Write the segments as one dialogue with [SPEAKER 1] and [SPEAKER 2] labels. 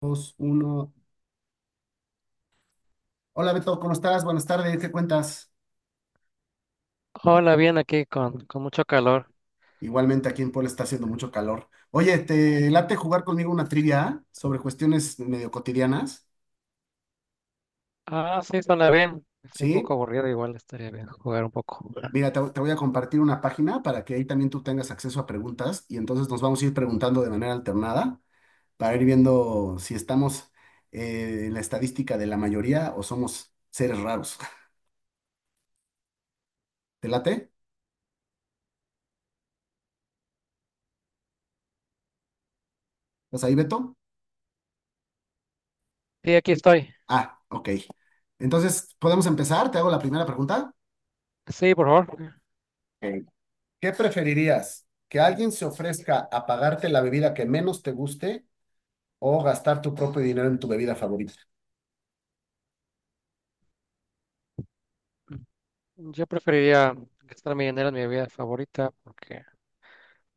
[SPEAKER 1] Dos, uno. Hola Beto, ¿cómo estás? Buenas tardes, ¿qué cuentas?
[SPEAKER 2] Hola, bien aquí con mucho calor.
[SPEAKER 1] Igualmente aquí en Puebla está haciendo mucho calor. Oye, ¿te late jugar conmigo una trivia sobre cuestiones medio cotidianas?
[SPEAKER 2] Ah, sí, suena bien. Estoy un poco
[SPEAKER 1] ¿Sí?
[SPEAKER 2] aburrido, igual estaría bien jugar un poco.
[SPEAKER 1] Mira, te voy a compartir una página para que ahí también tú tengas acceso a preguntas y entonces nos vamos a ir preguntando de manera alternada para ir viendo si estamos en la estadística de la mayoría o somos seres raros. ¿Te late? ¿Estás ahí, Beto?
[SPEAKER 2] Sí, aquí estoy.
[SPEAKER 1] Ah, ok. Entonces, ¿podemos empezar? ¿Te hago la primera pregunta?
[SPEAKER 2] Sí, por favor.
[SPEAKER 1] ¿Qué preferirías? ¿Que alguien se ofrezca a pagarte la bebida que menos te guste o gastar tu propio dinero en tu bebida favorita?
[SPEAKER 2] Yo preferiría gastar mi dinero en mi bebida favorita porque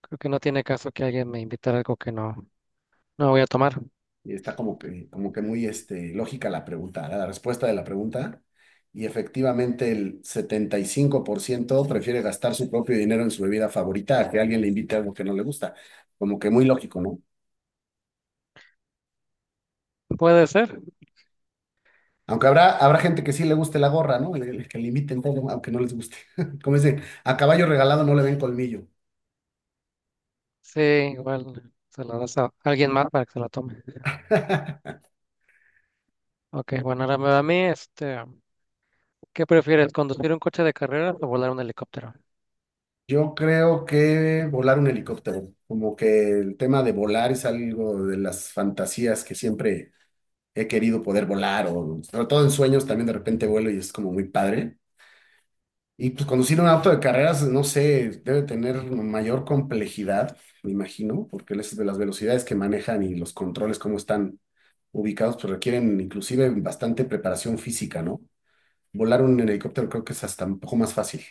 [SPEAKER 2] creo que no tiene caso que alguien me invitara algo que no, no voy a tomar.
[SPEAKER 1] Y está como que muy este, lógica la pregunta, la respuesta de la pregunta. Y efectivamente el 75% prefiere gastar su propio dinero en su bebida favorita a que alguien le invite algo que no le gusta. Como que muy lógico, ¿no?
[SPEAKER 2] ¿Puede ser?
[SPEAKER 1] Aunque habrá, habrá gente que sí le guste la gorra, ¿no? El que le inviten todo, aunque no les guste. Como dicen, a caballo regalado no le ven colmillo.
[SPEAKER 2] Sí, igual se la das a alguien más para que se la tome. Ok, bueno, ahora me va a mí, este, ¿qué prefieres, conducir un coche de carreras o volar un helicóptero?
[SPEAKER 1] Yo creo que volar un helicóptero, como que el tema de volar es algo de las fantasías que siempre he querido poder volar, o sobre todo en sueños también de repente vuelo y es como muy padre. Y pues conducir un auto de carreras, no sé, debe tener mayor complejidad, me imagino, porque las velocidades que manejan y los controles, cómo están ubicados, pues requieren inclusive bastante preparación física, ¿no? Volar un helicóptero creo que es hasta un poco más fácil.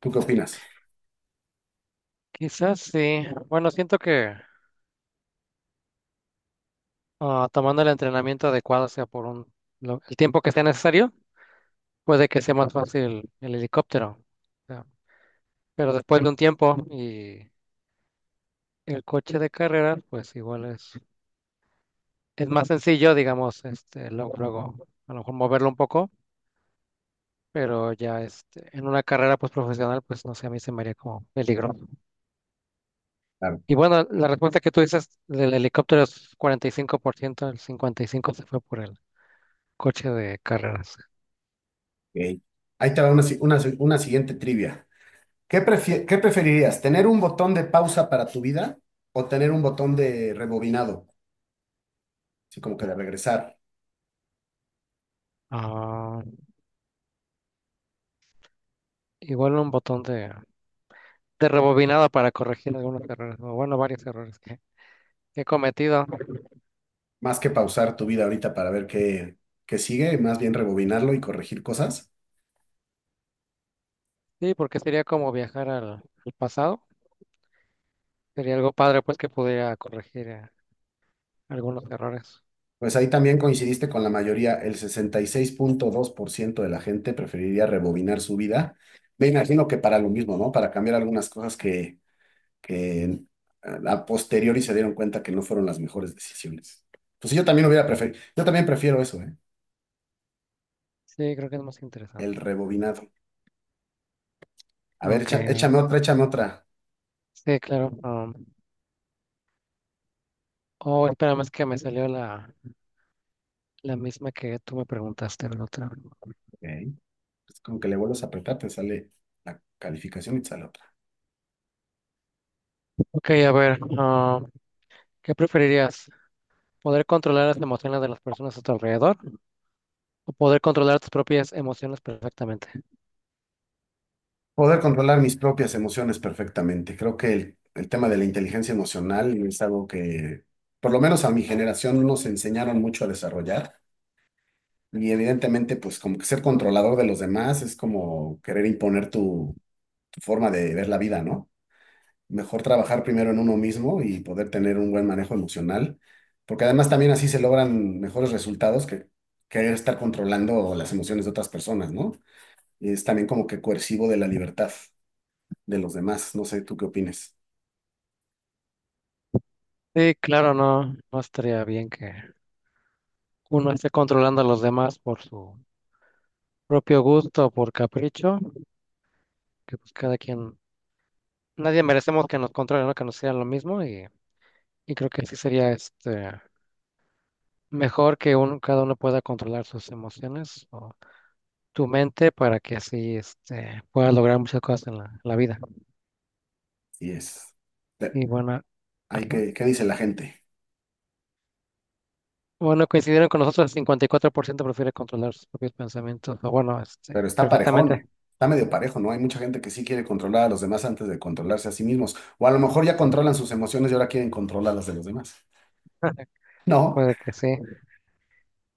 [SPEAKER 1] ¿Tú qué opinas?
[SPEAKER 2] Quizás sí. Bueno, siento que tomando el entrenamiento adecuado, sea por el tiempo que sea necesario, puede que sea más fácil el helicóptero. O sea, pero después de un tiempo y el coche de carrera, pues igual es más sencillo, digamos, este, luego, luego, a lo mejor moverlo un poco, pero ya este, en una carrera pues profesional, pues no sé, a mí se me haría como peligroso. Y bueno, la respuesta que tú dices del helicóptero es 45%, el 55% se fue por el coche de carreras.
[SPEAKER 1] Ok. Ahí te va una, una siguiente trivia. ¿Qué preferirías? ¿Tener un botón de pausa para tu vida o tener un botón de rebobinado? Así como que de regresar.
[SPEAKER 2] Ah, igual un botón de rebobinado para corregir algunos errores, o bueno, varios errores que he cometido.
[SPEAKER 1] Más que pausar tu vida ahorita para ver qué, qué sigue, más bien rebobinarlo y corregir cosas.
[SPEAKER 2] Sí, porque sería como viajar al pasado. Sería algo padre, pues, que pudiera corregir algunos errores.
[SPEAKER 1] Pues ahí también coincidiste con la mayoría. El 66.2% de la gente preferiría rebobinar su vida. Me imagino que para lo mismo, ¿no? Para cambiar algunas cosas que a posteriori se dieron cuenta que no fueron las mejores decisiones. Pues sí, yo también hubiera preferido, yo también prefiero eso, ¿eh?
[SPEAKER 2] Sí, creo que es más
[SPEAKER 1] El
[SPEAKER 2] interesante.
[SPEAKER 1] rebobinado. A ver,
[SPEAKER 2] Ok,
[SPEAKER 1] échame otra, échame otra.
[SPEAKER 2] sí, claro. Oh espérame, es que me salió la misma que tú me preguntaste, la otra.
[SPEAKER 1] Ok. Es como que le vuelves a apretar, te sale la calificación y te sale otra.
[SPEAKER 2] Ok, a ver, ¿qué preferirías? ¿Poder controlar las emociones de las personas a tu alrededor o poder controlar tus propias emociones perfectamente?
[SPEAKER 1] Poder controlar mis propias emociones perfectamente. Creo que el tema de la inteligencia emocional es algo que, por lo menos a mi generación, nos enseñaron mucho a desarrollar. Y evidentemente, pues como que ser controlador de los demás es como querer imponer tu forma de ver la vida, ¿no? Mejor trabajar primero en uno mismo y poder tener un buen manejo emocional, porque además también así se logran mejores resultados que querer estar controlando las emociones de otras personas, ¿no? Y es también como que coercivo de la libertad de los demás. No sé, ¿tú qué opinas?
[SPEAKER 2] Sí, claro, no, no estaría bien que uno esté controlando a los demás por su propio gusto, por capricho, que pues cada quien, nadie merecemos que nos controle, ¿no? Que nos sea lo mismo y creo que sí sería este mejor que uno, cada uno pueda controlar sus emociones o tu mente para que así este puedas lograr muchas cosas en la vida.
[SPEAKER 1] Y es, pe-
[SPEAKER 2] Y bueno,
[SPEAKER 1] hay
[SPEAKER 2] ajá.
[SPEAKER 1] que, ¿qué dice la gente?
[SPEAKER 2] Bueno, coincidieron con nosotros, el 54% prefiere controlar sus propios pensamientos. O bueno, este,
[SPEAKER 1] Pero está parejón,
[SPEAKER 2] perfectamente.
[SPEAKER 1] está medio parejo, ¿no? Hay mucha gente que sí quiere controlar a los demás antes de controlarse a sí mismos, o a lo mejor ya controlan sus emociones y ahora quieren controlar las de los demás. No.
[SPEAKER 2] Puede que sí,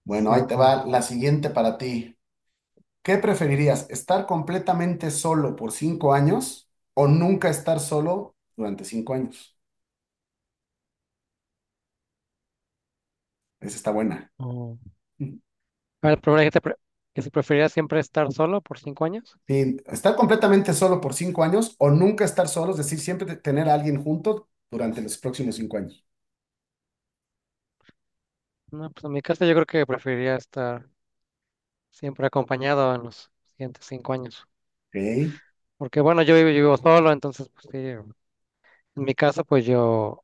[SPEAKER 1] Bueno,
[SPEAKER 2] sí,
[SPEAKER 1] ahí te
[SPEAKER 2] puede.
[SPEAKER 1] va la siguiente para ti. ¿Qué preferirías, estar completamente solo por cinco años o nunca estar solo durante cinco años? Esa está buena.
[SPEAKER 2] Oh. A ver, primero dijiste que si preferiría siempre estar solo por 5 años.
[SPEAKER 1] Sí, estar completamente solo por cinco años o nunca estar solo, es decir, tener a alguien junto durante los próximos cinco años.
[SPEAKER 2] No, pues en mi caso yo creo que preferiría estar siempre acompañado en los siguientes 5 años.
[SPEAKER 1] Ok,
[SPEAKER 2] Porque bueno, yo vivo solo, entonces pues sí, en mi caso pues yo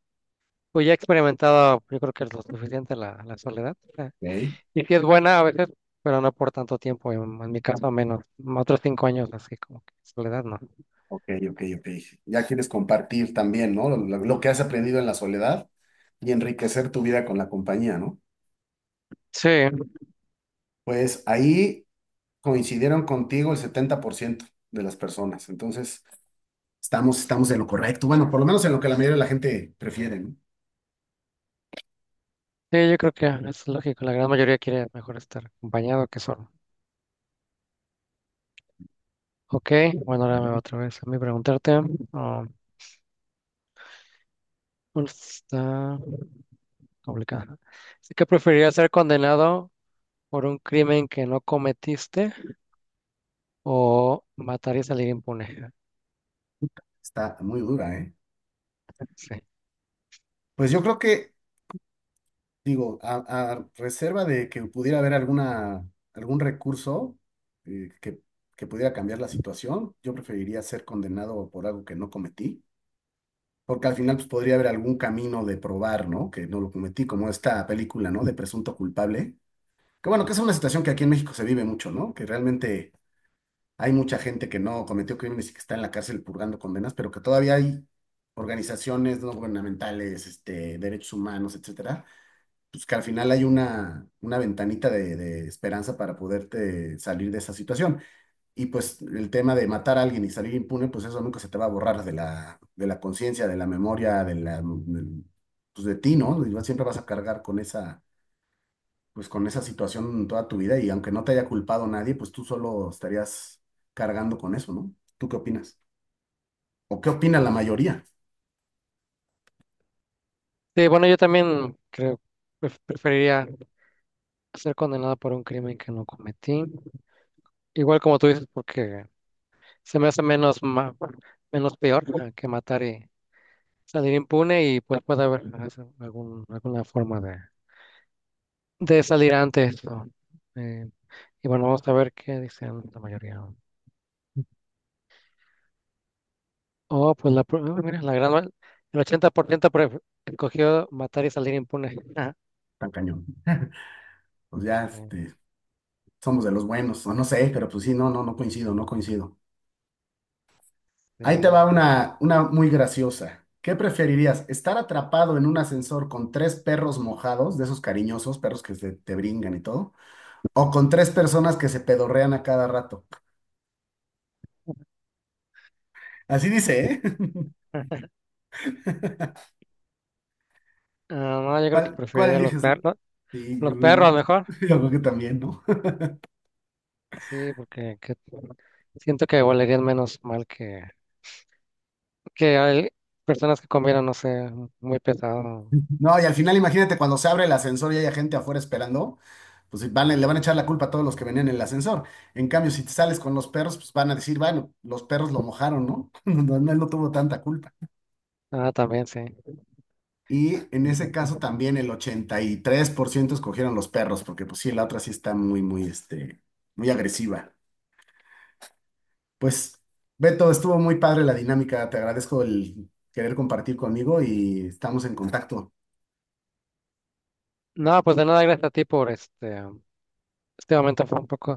[SPEAKER 2] pues ya he experimentado, yo creo que es lo suficiente la soledad.
[SPEAKER 1] ok,
[SPEAKER 2] Y si es buena a veces, pero no por tanto tiempo, en mi caso menos, otros 5 años así como que soledad, ¿no?
[SPEAKER 1] ok, ok, ok. Ya quieres compartir también, ¿no? Lo, lo que has aprendido en la soledad y enriquecer tu vida con la compañía, ¿no?
[SPEAKER 2] Sí,
[SPEAKER 1] Pues ahí coincidieron contigo el 70% de las personas. Entonces, estamos, estamos en lo correcto. Bueno, por lo menos en lo que la mayoría de la gente prefiere, ¿no?
[SPEAKER 2] sí, yo creo que es lógico, la gran mayoría quiere mejor estar acompañado que solo. Ok, bueno,
[SPEAKER 1] A
[SPEAKER 2] ahora me va
[SPEAKER 1] ver,
[SPEAKER 2] otra vez a mí preguntarte. ah, bueno, está complicada. Así que preferirías ser condenado por un crimen que no cometiste o matar y salir impune.
[SPEAKER 1] está muy dura, ¿eh?
[SPEAKER 2] Sí.
[SPEAKER 1] Pues yo creo que, digo, a reserva de que pudiera haber alguna, algún recurso eh, que, que pudiera cambiar la situación, yo preferiría ser condenado por algo que no cometí. Porque al final pues, podría haber algún camino de probar, ¿no? Que no lo cometí, como esta película, ¿no? De presunto culpable. Que bueno, que es una situación que aquí en México se vive mucho, ¿no? Que realmente hay mucha gente que no cometió crímenes y que está en la cárcel purgando condenas, pero que todavía hay organizaciones no gubernamentales, este, derechos humanos, etcétera, pues que al final hay una ventanita de esperanza para poderte salir de esa situación. Y pues el tema de matar a alguien y salir impune, pues eso nunca se te va a borrar de la conciencia, de la memoria, pues de ti, ¿no? Y siempre vas a cargar con esa pues con esa situación toda tu vida y aunque no te haya culpado nadie, pues tú solo estarías cargando con eso, ¿no? ¿Tú qué opinas? ¿O qué opina la mayoría?
[SPEAKER 2] Sí, bueno, yo también creo, preferiría ser condenado por un crimen que no cometí. Igual como tú dices, porque se me hace menos, menos peor, que matar y salir impune, y pues puede haber alguna forma de salir antes, ¿no? Eh, y bueno, vamos a ver qué dicen la mayoría. Oh, pues mira, el 80% escogió matar y salir impune.
[SPEAKER 1] Tan cañón. Pues ya,
[SPEAKER 2] Ah,
[SPEAKER 1] este, somos de los buenos, o no sé, pero pues sí, no, no, no coincido, no coincido. Ahí te va
[SPEAKER 2] este,
[SPEAKER 1] una muy graciosa. ¿Qué preferirías? ¿Estar atrapado en un ascensor con tres perros mojados, de esos cariñosos perros que se te brincan y todo? ¿O con tres personas que se pedorrean a cada rato? Así dice, ¿eh?
[SPEAKER 2] no, yo creo que
[SPEAKER 1] ¿Cuál, cuál
[SPEAKER 2] preferiría los
[SPEAKER 1] eliges?
[SPEAKER 2] perros, ¿no?
[SPEAKER 1] Sí, yo,
[SPEAKER 2] Los perros mejor.
[SPEAKER 1] yo creo que también, ¿no?
[SPEAKER 2] Sí, porque siento que valerían menos mal que hay personas que comieron, no sé, muy pesado.
[SPEAKER 1] No, y al final imagínate cuando se abre el ascensor y hay gente afuera esperando, pues sí, van, le van a echar la culpa a todos los que venían en el ascensor. En cambio, si te sales con los perros, pues van a decir, bueno, los perros lo mojaron, ¿no? No, no, él no tuvo tanta culpa.
[SPEAKER 2] También sí,
[SPEAKER 1] Y en
[SPEAKER 2] muy
[SPEAKER 1] ese
[SPEAKER 2] cierto.
[SPEAKER 1] caso también el 83% escogieron los perros, porque pues sí, la otra sí está muy, muy, este, muy agresiva. Pues, Beto, estuvo muy padre la dinámica, te agradezco el querer compartir conmigo y estamos en contacto.
[SPEAKER 2] No, pues de nada, gracias a ti por este momento. Fue un poco.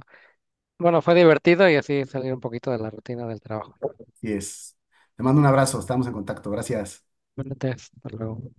[SPEAKER 2] Bueno, fue divertido y así salir un poquito de la rutina del trabajo.
[SPEAKER 1] Y es. Te mando un abrazo, estamos en contacto. Gracias.
[SPEAKER 2] Bueno, entonces, hasta luego.